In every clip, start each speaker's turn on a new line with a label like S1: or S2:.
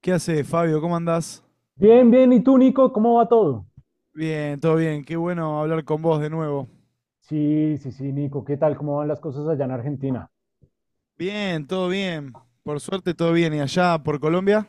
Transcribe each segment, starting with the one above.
S1: ¿Qué haces, Fabio? ¿Cómo andás?
S2: Bien, bien. ¿Y tú, Nico? ¿Cómo va todo?
S1: Bien, todo bien. Qué bueno hablar con vos de nuevo.
S2: Sí, sí, sí, Nico. ¿Qué tal? ¿Cómo van las cosas allá en Argentina?
S1: Bien, todo bien. Por suerte, todo bien. ¿Y allá por Colombia?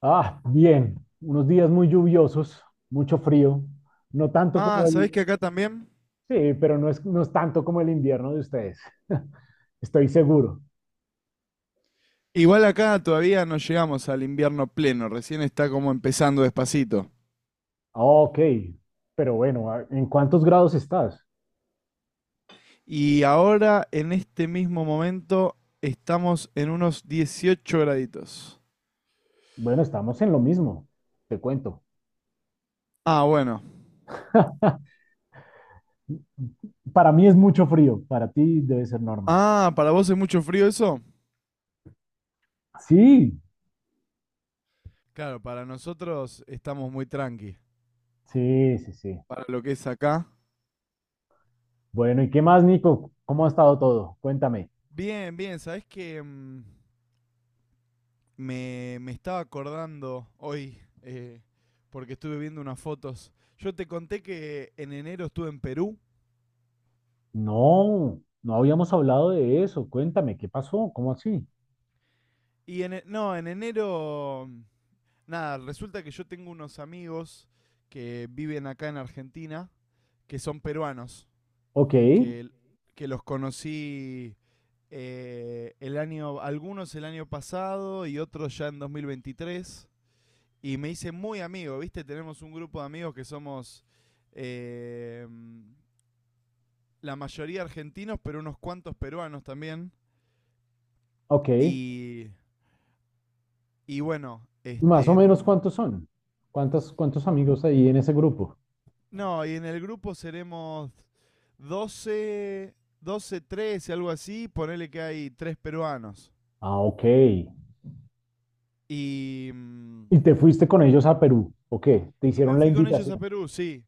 S2: Ah, bien. Unos días muy lluviosos, mucho frío. No tanto
S1: Ah,
S2: como
S1: ¿sabés que
S2: el...
S1: acá también?
S2: Sí, pero no es tanto como el invierno de ustedes. Estoy seguro.
S1: Igual acá todavía no llegamos al invierno pleno, recién está como empezando despacito.
S2: Ah, ok. Pero bueno, ¿en cuántos grados estás?
S1: Y ahora, en este mismo momento, estamos en unos 18 graditos.
S2: Bueno, estamos en lo mismo. Te cuento.
S1: Ah, bueno.
S2: Para mí es mucho frío. Para ti debe ser normal.
S1: Ah, ¿para vos es mucho frío eso?
S2: Sí,
S1: Claro, para nosotros estamos muy tranqui.
S2: sí, sí, sí.
S1: Para lo que es acá.
S2: Bueno, ¿y qué más, Nico? ¿Cómo ha estado todo? Cuéntame.
S1: Bien, bien, ¿sabés que, me estaba acordando hoy, eh, porque estuve viendo unas fotos. Yo te conté que en enero estuve en Perú.
S2: No, no habíamos hablado de eso. Cuéntame, ¿qué pasó? ¿Cómo así?
S1: Y en, e- no, En enero, nada, resulta que yo tengo unos amigos que viven acá en Argentina, que son peruanos,
S2: Ok,
S1: que, que los conocí el año, algunos el año pasado y otros ya en 2023. Y me hice muy amigo, ¿viste? Tenemos un grupo de amigos que somos eh, mm, la mayoría argentinos, pero unos cuantos peruanos también.
S2: ok.
S1: Y, y bueno,
S2: ¿Más o menos cuántos son? ¿¿Cuántos amigos ahí en ese grupo?
S1: no, y en el grupo seremos doce, 13 algo así. Ponele que hay tres peruanos.
S2: Ah, ok.
S1: Y, mm,
S2: ¿Y te fuiste con ellos a Perú? ¿O qué? ¿Te
S1: y me
S2: hicieron la
S1: fui con ellos a
S2: invitación?
S1: Perú, sí.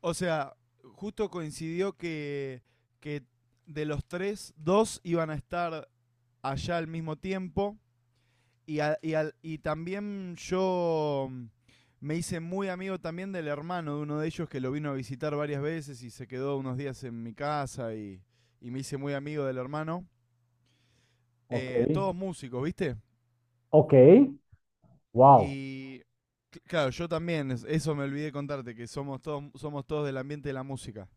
S1: O sea, justo coincidió que de los tres, dos iban a estar allá al mismo tiempo. Y también yo me hice muy amigo también del hermano de uno de ellos que lo vino a visitar varias veces y se quedó unos días en mi casa y me hice muy amigo del hermano.
S2: Ok,
S1: Todos músicos, ¿viste?
S2: ok. Wow.
S1: Y claro, yo también, eso me olvidé contarte, que somos todos del ambiente de la música.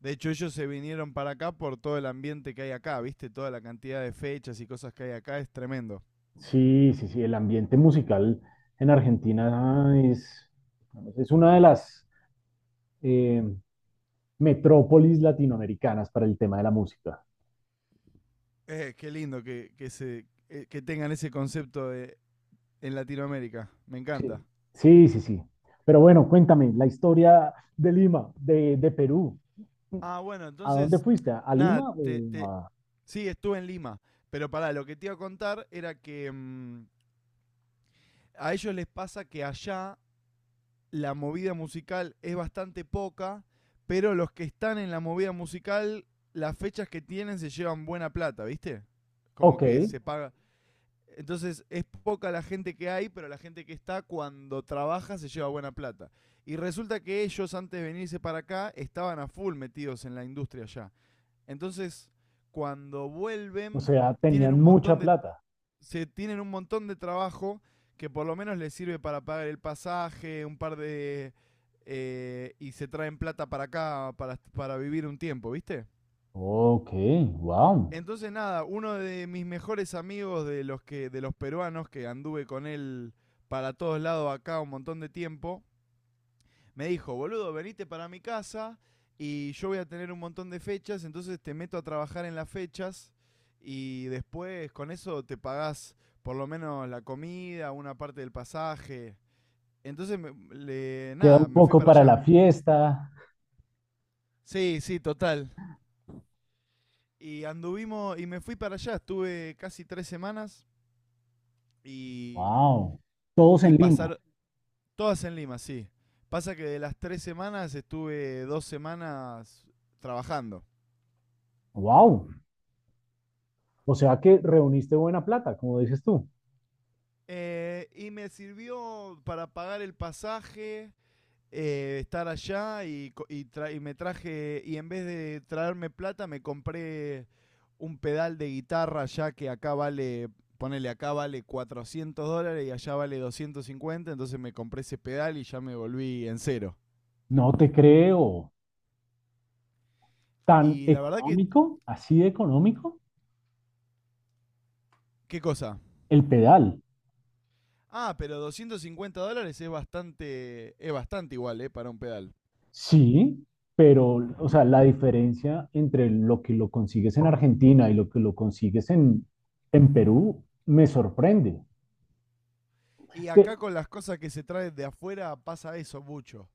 S1: De hecho, ellos se vinieron para acá por todo el ambiente que hay acá, ¿viste? Toda la cantidad de fechas y cosas que hay acá es tremendo.
S2: Sí, sí, sí. El ambiente musical en Argentina es una de las eh, metrópolis latinoamericanas para el tema de la música.
S1: Qué lindo que tengan ese concepto de en Latinoamérica. Me encanta.
S2: Sí, sí, sí, sí. Pero bueno, cuéntame la historia de Lima, de Perú.
S1: Ah, bueno,
S2: ¿A dónde
S1: entonces,
S2: fuiste? ¿A Lima?
S1: nada, te- sí, estuve en Lima. Pero pará, lo que te iba a contar era que a ellos les pasa que allá la movida musical es bastante poca, pero los que están en la movida musical, las fechas que tienen se llevan buena plata, ¿viste? Como
S2: Ok,
S1: que se paga. Entonces es poca la gente que hay, pero la gente que está cuando trabaja se lleva buena plata. Y resulta que ellos antes de venirse para acá estaban a full metidos en la industria ya. Entonces, cuando
S2: o
S1: vuelven,
S2: sea,
S1: tienen
S2: tenían
S1: un
S2: mucha
S1: montón de
S2: plata.
S1: se tienen un montón de trabajo que por lo menos les sirve para pagar el pasaje, un par de y se traen plata para acá para vivir un tiempo, ¿viste?
S2: Ok, wow.
S1: Entonces nada, uno de mis mejores amigos de los peruanos que anduve con él para todos lados acá un montón de tiempo, me dijo, "Boludo, venite para mi casa y yo voy a tener un montón de fechas, entonces te meto a trabajar en las fechas y después con eso te pagás por lo menos la comida, una parte del pasaje."
S2: Queda
S1: Nada,
S2: un
S1: me fui
S2: poco
S1: para
S2: para la
S1: allá.
S2: fiesta.
S1: Sí, sí, total. Y anduvimos y me fui para allá, estuve casi tres semanas. Y
S2: Wow. Todos
S1: Y
S2: en Lima.
S1: pasar Todas en Lima, sí. Pasa que de las tres semanas estuve dos semanas trabajando.
S2: Wow. O sea que reuniste buena plata, como dices tú.
S1: Y me sirvió para pagar el pasaje, estar allá y, y me traje, y en vez de traerme plata, me compré un pedal de guitarra ya que acá vale, ponele acá vale $400 y allá vale 250, entonces me compré ese pedal y ya me volví en cero.
S2: No te creo. ¿Tan
S1: Y la verdad que,
S2: económico? ¿Así de económico?
S1: ¿qué cosa?
S2: El pedal.
S1: Ah, pero $250 es bastante igual, ¿eh? Para un pedal.
S2: Sí, pero, o sea, la diferencia entre lo que lo consigues en Argentina y lo que lo consigues en Perú me sorprende.
S1: Y
S2: Te-
S1: acá con las cosas que se traen de afuera pasa eso mucho.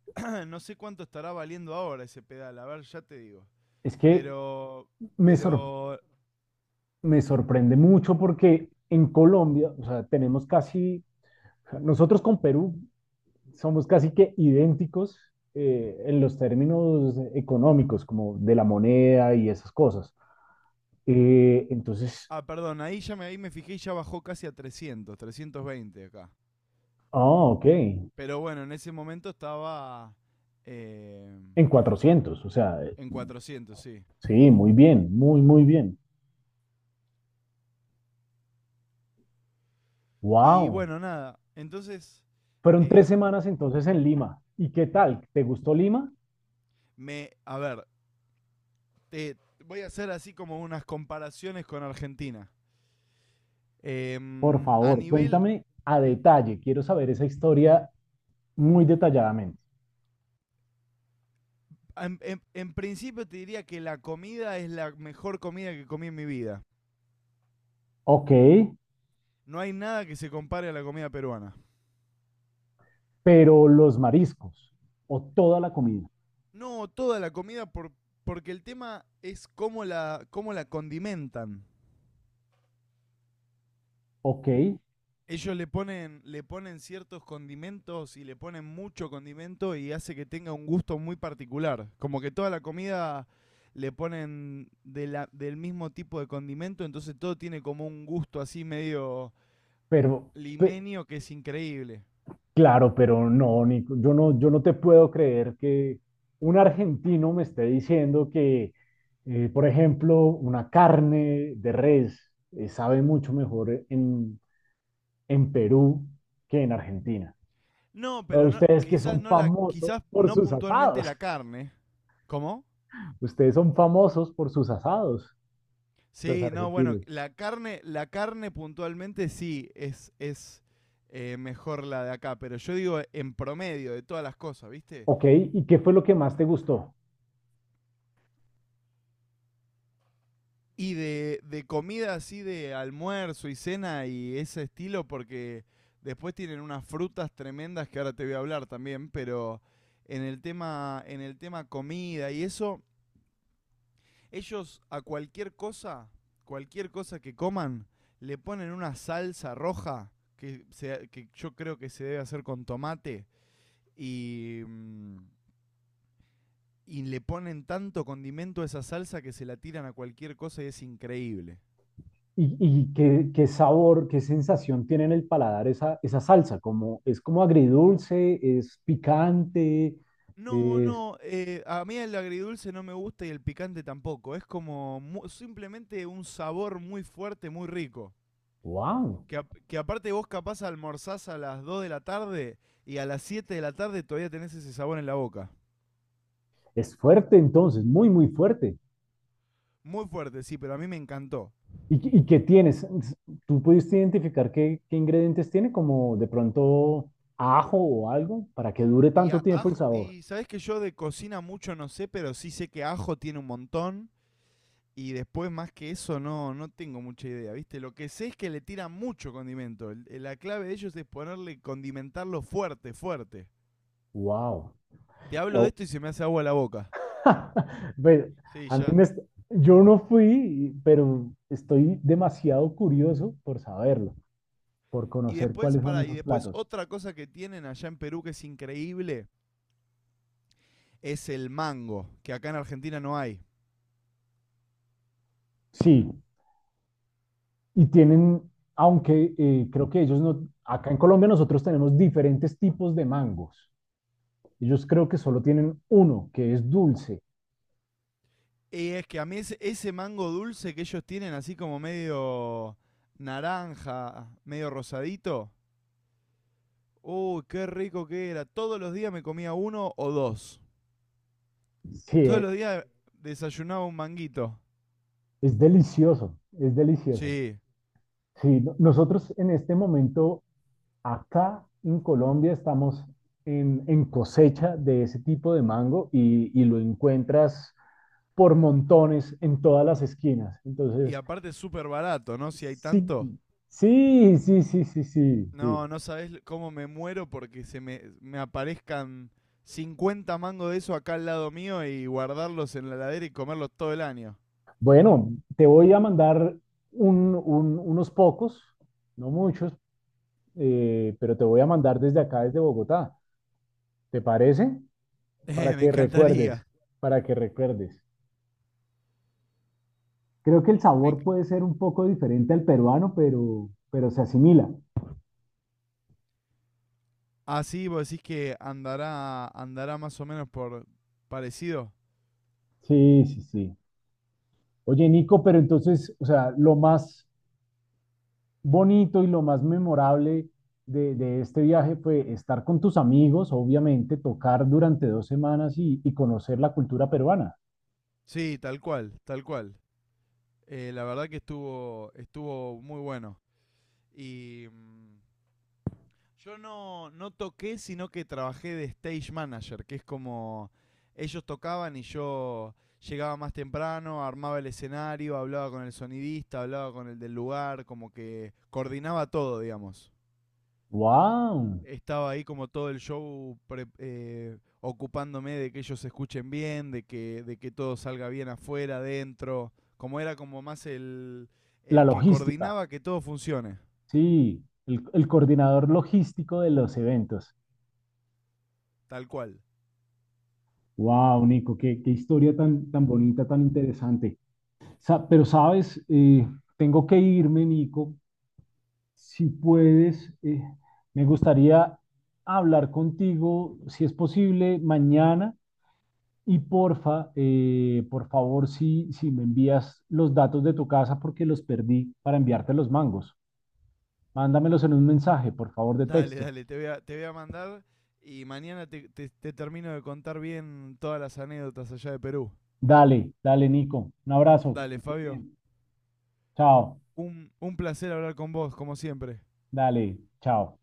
S1: No sé cuánto estará valiendo ahora ese pedal, a ver, ya te digo.
S2: es que
S1: Pero,
S2: me, sor-
S1: pero,
S2: Me sorprende mucho porque en Colombia, o sea, tenemos casi, nosotros con Perú somos casi que idénticos, en los términos económicos, como de la moneda y esas cosas. Eh, entonces,
S1: ah, perdón, ahí ya me, ahí me fijé y ya bajó casi a 300, 320 acá.
S2: ah, ok, en
S1: Pero bueno, en ese momento estaba eh,
S2: 400, o sea,
S1: en 400, sí.
S2: sí, muy bien, muy, muy bien.
S1: Y
S2: Wow.
S1: bueno, nada, entonces,
S2: Fueron tres
S1: em,
S2: semanas entonces en Lima. ¿Y qué tal? ¿Te gustó Lima?
S1: a ver, te voy a hacer así como unas comparaciones con Argentina.
S2: Por
S1: Em, a
S2: favor,
S1: nivel,
S2: cuéntame a detalle. Quiero saber esa historia muy detalladamente.
S1: en principio te diría que la comida es la mejor comida que comí en mi vida.
S2: Ok,
S1: No hay nada que se compare a la comida peruana.
S2: pero los mariscos o toda la comida.
S1: No, toda la comida por, porque el tema es cómo la condimentan.
S2: Ok,
S1: Ellos le ponen ciertos condimentos y le ponen mucho condimento y hace que tenga un gusto muy particular. Como que toda la comida le ponen del mismo tipo de condimento, entonces todo tiene como un gusto así medio
S2: pero pe-
S1: limenio que es increíble.
S2: claro, pero no, Nico, yo no te puedo creer que un argentino me esté diciendo que, por ejemplo, una carne de res sabe mucho mejor en Perú que en Argentina.
S1: No,
S2: O
S1: pero no,
S2: ustedes que
S1: quizás
S2: son
S1: no la,
S2: famosos
S1: quizás
S2: por
S1: no
S2: sus
S1: puntualmente
S2: asados.
S1: la carne. ¿Cómo?
S2: Ustedes son famosos por sus asados, los
S1: Sí, no, bueno,
S2: argentinos.
S1: la carne puntualmente sí es, es mejor la de acá, pero yo digo en promedio de todas las cosas, ¿viste?
S2: Ok, ¿y qué fue lo que más te gustó?
S1: Y de comida así de almuerzo y cena y ese estilo, porque después tienen unas frutas tremendas que ahora te voy a hablar también, pero en el tema comida y eso, ellos a cualquier cosa que coman, le ponen una salsa roja que yo creo que se debe hacer con tomate y, mm, y le ponen tanto condimento a esa salsa que se la tiran a cualquier cosa y es increíble.
S2: Y qué, qué sabor, qué sensación tiene en el paladar esa, esa salsa? Como, ¿es como agridulce? ¿Es picante?
S1: No,
S2: Es...
S1: no, eh, a mí el agridulce no me gusta y el picante tampoco. Es simplemente un sabor muy fuerte, muy rico.
S2: ¡Wow!
S1: Que, que aparte vos capaz almorzás a las 2 de la tarde y a las 7 de la tarde todavía tenés ese sabor en la boca.
S2: Es fuerte entonces, muy, muy fuerte.
S1: Muy fuerte, sí, pero a mí me encantó.
S2: Y qué tienes? ¿Tú pudiste identificar qué, qué ingredientes tiene, como de pronto ajo o algo, para que dure tanto tiempo el
S1: Ajo,
S2: sabor?
S1: y sabés que yo de cocina mucho no sé, pero sí sé que ajo tiene un montón. Y después, más que eso, no, no tengo mucha idea, ¿viste? Lo que sé es que le tiran mucho condimento. La clave de ellos es ponerle, condimentarlo fuerte, fuerte.
S2: ¡Wow!
S1: Te hablo de
S2: Pero,
S1: esto y se me hace agua la boca.
S2: pues,
S1: Sí,
S2: a mí
S1: ya.
S2: me est- yo no fui, pero estoy demasiado curioso por saberlo, por
S1: Y
S2: conocer
S1: después,
S2: cuáles son
S1: y
S2: esos
S1: después
S2: platos.
S1: otra cosa que tienen allá en Perú que es increíble es el mango, que acá en Argentina no hay.
S2: Sí, y tienen, aunque creo que ellos no, acá en Colombia nosotros tenemos diferentes tipos de mangos. Ellos creo que solo tienen uno, que es dulce.
S1: Y es que a mí ese, ese mango dulce que ellos tienen, así como medio naranja, medio rosadito, uy, qué rico que era. Todos los días me comía uno o dos. Todos
S2: Sí,
S1: los días desayunaba un manguito.
S2: es delicioso, es delicioso.
S1: Sí.
S2: Sí, nosotros en este momento acá en Colombia estamos en cosecha de ese tipo de mango y lo encuentras por montones en todas las esquinas.
S1: Y
S2: Entonces,
S1: aparte es súper barato, ¿no? Si hay tanto.
S2: sí, sí, sí, sí, sí, sí, sí.
S1: No, no sabés cómo me muero porque me aparezcan 50 mangos de eso acá al lado mío y guardarlos en la heladera y comerlos todo el año.
S2: Bueno, te voy a mandar unos pocos, no muchos, pero te voy a mandar desde acá, desde Bogotá. ¿Te parece? Para
S1: Me
S2: que
S1: encantaría.
S2: recuerdes, para que recuerdes. Creo que el
S1: Me
S2: sabor
S1: enc-
S2: puede ser un poco diferente al peruano, pero se asimila.
S1: Así vos decís que andará, andará más o menos por parecido.
S2: Sí, sí, sí. Oye, Nico, pero entonces, o sea, lo más bonito y lo más memorable de este viaje fue estar con tus amigos, obviamente, tocar durante dos semanas y conocer la cultura peruana.
S1: Sí, tal cual, tal cual. La verdad que estuvo, estuvo muy bueno. Y mm, Yo no, no toqué, sino que trabajé de stage manager, que es como ellos tocaban y yo llegaba más temprano, armaba el escenario, hablaba con el sonidista, hablaba con el del lugar, como que coordinaba todo, digamos.
S2: ¡Wow!
S1: Estaba ahí como todo el show ocupándome de que ellos se escuchen bien, de que todo salga bien afuera, adentro. Como era como más
S2: La
S1: el que
S2: logística,
S1: coordinaba que todo funcione,
S2: sí, el coordinador logístico de los eventos.
S1: tal cual.
S2: Wow, Nico, qué, qué historia tan, tan bonita, tan interesante. Pero sabes, tengo que irme, Nico. Si puedes, me gustaría hablar contigo, si es posible, mañana. Y porfa, por favor, si, si me envías los datos de tu casa porque los perdí para enviarte los mangos. Mándamelos en un mensaje, por favor, de
S1: Dale,
S2: texto.
S1: dale, te voy a mandar y mañana te, te termino de contar bien todas las anécdotas allá de Perú.
S2: Dale, dale, Nico. Un abrazo. Que
S1: Dale,
S2: estés
S1: Fabio,
S2: bien. Chao.
S1: un placer hablar con vos, como siempre.
S2: Dale, chao.